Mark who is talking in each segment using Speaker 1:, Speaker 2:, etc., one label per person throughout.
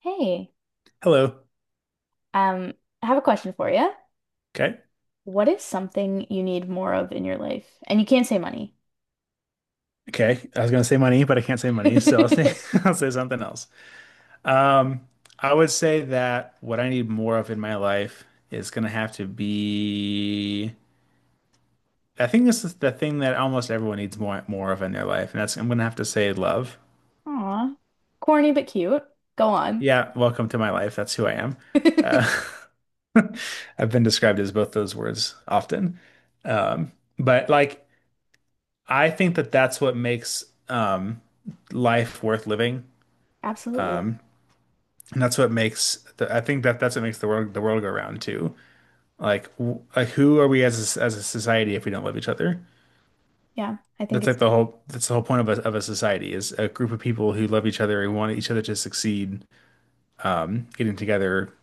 Speaker 1: Hey,
Speaker 2: Hello.
Speaker 1: um, I have a question for you.
Speaker 2: Okay.
Speaker 1: What is something you need more of in your life? And you can't say money.
Speaker 2: Okay. I was gonna say money, but I can't say money, so I'll say I'll say something else. Um, I would say that what I need more of in my life is gonna have to be. I think this is the thing that almost everyone needs more of in their life, and that's I'm gonna have to say love.
Speaker 1: Aw, corny but cute. Go on.
Speaker 2: Yeah, welcome to my life. That's who I am. Uh, I've been described as both those words often. Um, but like, I think that that's what makes um life worth living.
Speaker 1: Absolutely.
Speaker 2: Um, And that's what makes I think that that's what makes the world go round too. Like, like who are we as as a society if we don't love each other?
Speaker 1: Yeah, I think
Speaker 2: That's
Speaker 1: it's
Speaker 2: like the whole that's the whole point of a society is a group of people who love each other and want each other to succeed, getting together,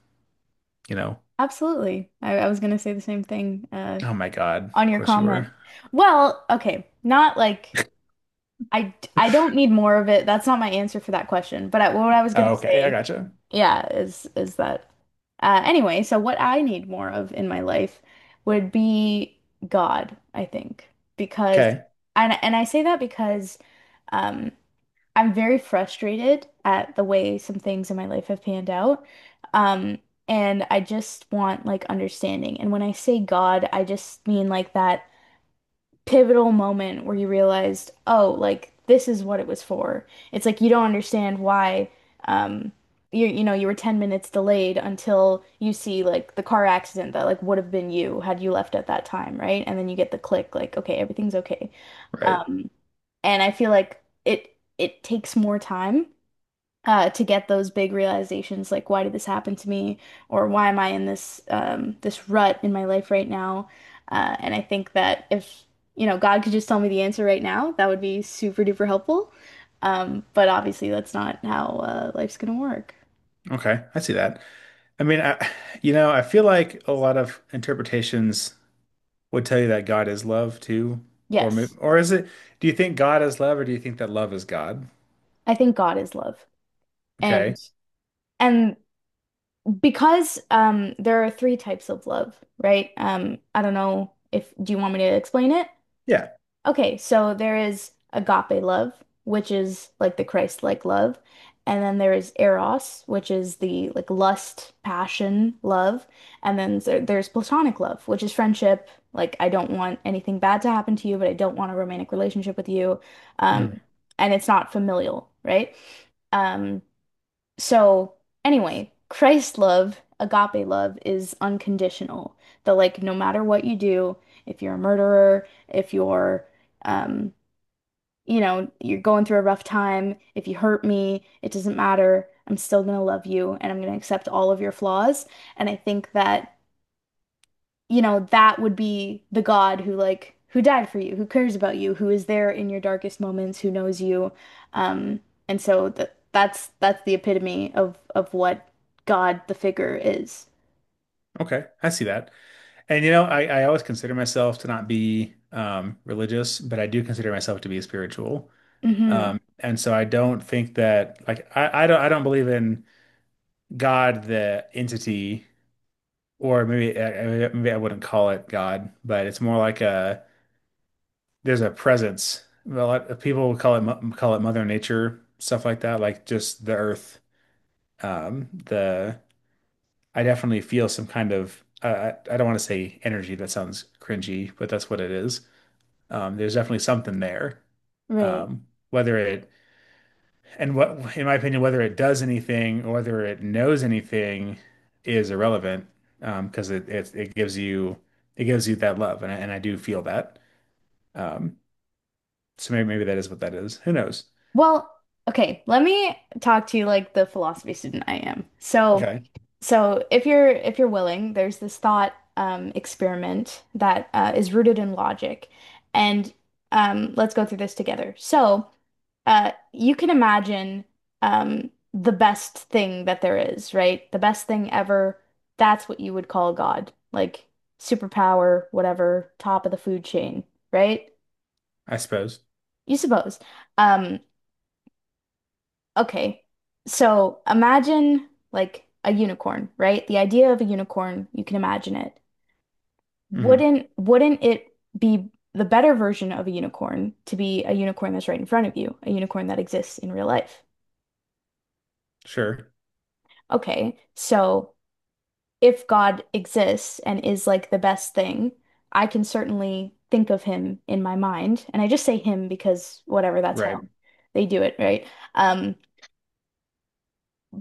Speaker 2: you know.
Speaker 1: absolutely. I was gonna say the same thing
Speaker 2: Oh my God,
Speaker 1: on
Speaker 2: of
Speaker 1: your
Speaker 2: course you were.
Speaker 1: comment. Well, okay, not like I don't need more of it. That's not my answer for that question. But I, what I was
Speaker 2: Oh,
Speaker 1: gonna
Speaker 2: okay, I
Speaker 1: say,
Speaker 2: gotcha.
Speaker 1: yeah, is that So what I need more of in my life would be God, I think, because
Speaker 2: Okay,
Speaker 1: and I say that because um, I'm very frustrated at the way some things in my life have panned out, um, and I just want like understanding. And when I say God, I just mean like that pivotal moment where you realized, oh, like this is what it was for. It's like you don't understand why um you know you were 10 minutes delayed until you see like the car accident that like would have been you had you left at that time, right? And then you get the click like okay, everything's okay.
Speaker 2: right.
Speaker 1: Um and I feel like it takes more time to get those big realizations, like why did this happen to me, or why am I in this this rut in my life right now? And I think that if God could just tell me the answer right now, that would be super duper helpful. But obviously, that's not how life's gonna work.
Speaker 2: Okay, I see that. I mean, I I feel like a lot of interpretations would tell you that God is love too, or
Speaker 1: Yes,
Speaker 2: or is it? Do you think God is love, or do you think that love is God?
Speaker 1: I think God is love. And
Speaker 2: Okay,
Speaker 1: and because there are three types of love, right? I don't know if do you want me to explain it?
Speaker 2: yeah.
Speaker 1: Okay, so there is agape love, which is like the Christ-like love, and then there is eros, which is the like lust, passion, love, and then there's platonic love, which is friendship, like I don't want anything bad to happen to you, but I don't want a romantic relationship with you.
Speaker 2: Mhm.
Speaker 1: Um, and it's not familial, right? Um, so, anyway, Christ love, agape love, is unconditional. That, like, no matter what you do, if you're a murderer, if you're, um, you know, you're going through a rough time, if you hurt me, it doesn't matter. I'm still gonna love you and I'm gonna accept all of your flaws. And I think that, that would be the God who like who died for you, who cares about you, who is there in your darkest moments, who knows you. Um, and so that that's the epitome of what God the figure is.
Speaker 2: Okay, I see that. And you know, I always consider myself to not be religious, but I do consider myself to be spiritual.
Speaker 1: Hmm.
Speaker 2: And so I don't think that like I don't believe in God the entity, or maybe I wouldn't call it God, but it's more like a there's a presence. Well, people would call it call it Mother Nature, stuff like that, like just the earth. The I definitely feel some kind of I don't want to say energy. That sounds cringy, but that's what it is. There's definitely something there.
Speaker 1: Right.
Speaker 2: Whether it and what, in my opinion, whether it does anything or whether it knows anything is irrelevant. Because it gives you that love, and I do feel that. Um, so maybe that is what that is. Who knows?
Speaker 1: Well, okay, let me talk to you like the philosophy student I am. So
Speaker 2: Okay.
Speaker 1: so if you're willing, there's this thought experiment that is rooted in logic. And let's go through this together. So uh, you can imagine the best thing that there is, right? The best thing ever. That's what you would call God, like superpower, whatever, top of the food chain, right?
Speaker 2: I suppose.
Speaker 1: You suppose. Um, okay. So imagine like a unicorn, right? The idea of a unicorn, you can imagine it.
Speaker 2: Hmm.
Speaker 1: Wouldn't it be the better version of a unicorn to be a unicorn that's right in front of you, a unicorn that exists in real life?
Speaker 2: Sure.
Speaker 1: Okay, so if God exists and is like the best thing, I can certainly think of him in my mind. And I just say him because whatever, that's how
Speaker 2: Right.
Speaker 1: they do it, right? Um,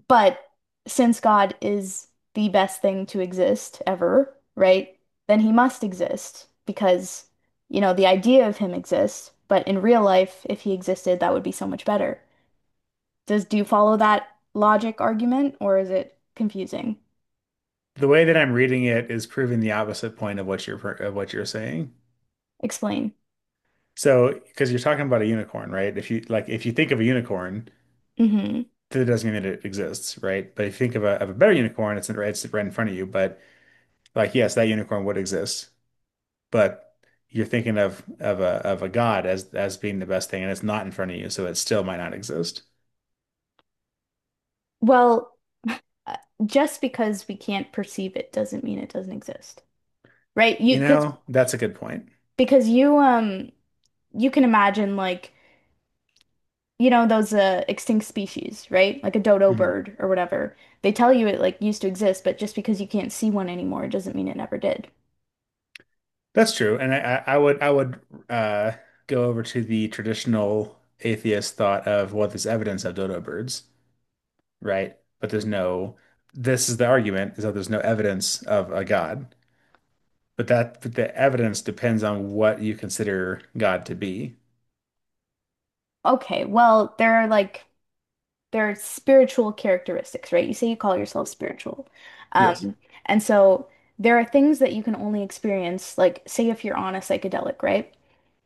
Speaker 1: but since God is the best thing to exist ever, right? Then he must exist because, the idea of him exists, but in real life, if he existed, that would be so much better. Does do you follow that logic argument or is it confusing?
Speaker 2: The way that I'm reading it is proving the opposite point of of what you're saying.
Speaker 1: Explain.
Speaker 2: So, because you're talking about a unicorn, right? If you like, if you think of a unicorn,
Speaker 1: Hmm.
Speaker 2: that doesn't mean that it exists, right? But if you think of a better unicorn, it's right in front of you. But like, yes, that unicorn would exist, but you're thinking of of a god as being the best thing, and it's not in front of you, so it still might not exist.
Speaker 1: Well, uh, just because we can't perceive it doesn't mean it doesn't exist, right? You
Speaker 2: You know, that's a good point.
Speaker 1: because you you can imagine like those extinct species, right? Like a dodo
Speaker 2: Mm-hmm.
Speaker 1: bird or whatever. They tell you it like used to exist, but just because you can't see one anymore, it doesn't mean it never did.
Speaker 2: That's true, and I would uh, go over to the traditional atheist thought of well, there's evidence of dodo birds, right? But there's no. This is the argument is that there's no evidence of a God, but that but the evidence depends on what you consider God to be.
Speaker 1: Okay, well, there are like there are spiritual characteristics, right? You say you call yourself spiritual.
Speaker 2: Yes.
Speaker 1: Um, and so there are things that you can only experience, like say if you're on a psychedelic, right?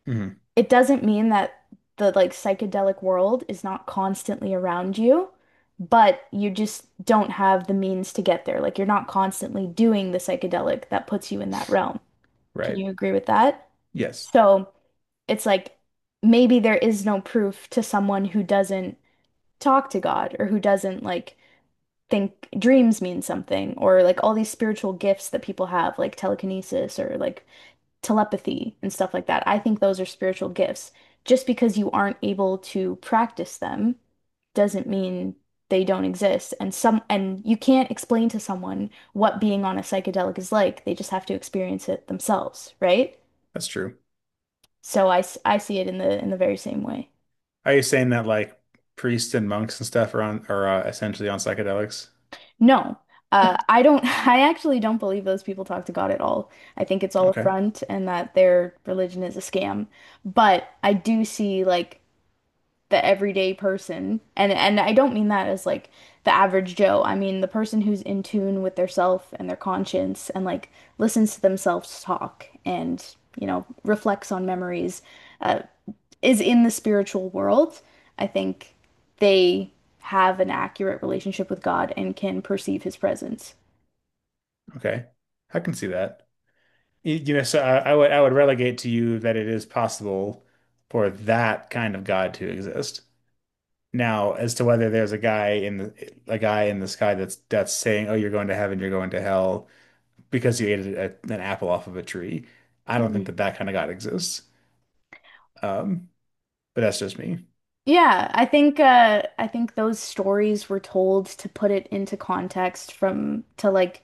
Speaker 2: Hmm.
Speaker 1: It doesn't mean that the like psychedelic world is not constantly around you, but you just don't have the means to get there. Like you're not constantly doing the psychedelic that puts you in that realm. Can
Speaker 2: Right.
Speaker 1: you agree with that?
Speaker 2: Yes,
Speaker 1: So it's like maybe there is no proof to someone who doesn't talk to God or who doesn't like think dreams mean something or like all these spiritual gifts that people have like telekinesis or like telepathy and stuff like that. I think those are spiritual gifts. Just because you aren't able to practice them doesn't mean they don't exist. And some and you can't explain to someone what being on a psychedelic is like. They just have to experience it themselves, right?
Speaker 2: that's true.
Speaker 1: So I see it in the very same way.
Speaker 2: Are you saying that like priests and monks and stuff are on are essentially on psychedelics?
Speaker 1: No, I don't. I actually don't believe those people talk to God at all. I think it's all a
Speaker 2: Okay.
Speaker 1: front and that their religion is a scam. But I do see like the everyday person, and I don't mean that as like the average Joe. I mean the person who's in tune with their self and their conscience and like listens to themselves talk and reflects on memories. Uh, is in the spiritual world, I think they have an accurate relationship with God and can perceive his presence.
Speaker 2: Okay. I can see that. You know, so I would relegate to you that it is possible for that kind of God to exist. Now, as to whether there's a guy in the a guy in the sky that's saying, "Oh, you're going to heaven, you're going to hell," because you ate an apple off of a tree, I don't think
Speaker 1: Mhm.
Speaker 2: that that kind of God exists. Um, but that's just me,
Speaker 1: Yeah, I think those stories were told to put it into context from to like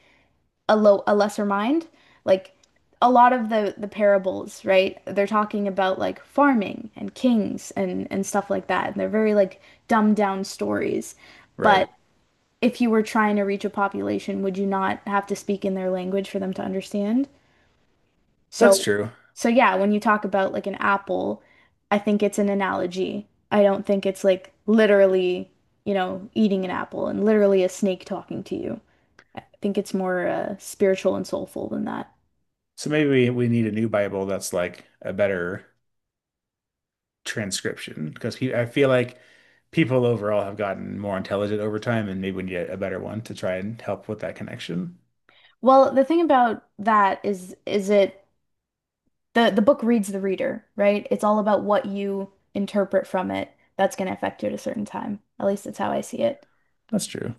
Speaker 1: a lesser mind. Like a lot of the parables, right? They're talking about like farming and kings and stuff like that. And they're very like dumbed down stories.
Speaker 2: right?
Speaker 1: But if you were trying to reach a population, would you not have to speak in their language for them to understand?
Speaker 2: That's
Speaker 1: So,
Speaker 2: true.
Speaker 1: so yeah, when you talk about like an apple, I think it's an analogy. I don't think it's like literally, eating an apple and literally a snake talking to you. I think it's more spiritual and soulful than that.
Speaker 2: So maybe we need a new Bible that's like a better transcription because pe I feel like people overall have gotten more intelligent over time, and maybe we need a better one to try and help with that connection.
Speaker 1: Well, the thing about that is it the book reads the reader, right? It's all about what you interpret from it that's going to affect you at a certain time. At least that's how I see it.
Speaker 2: That's true.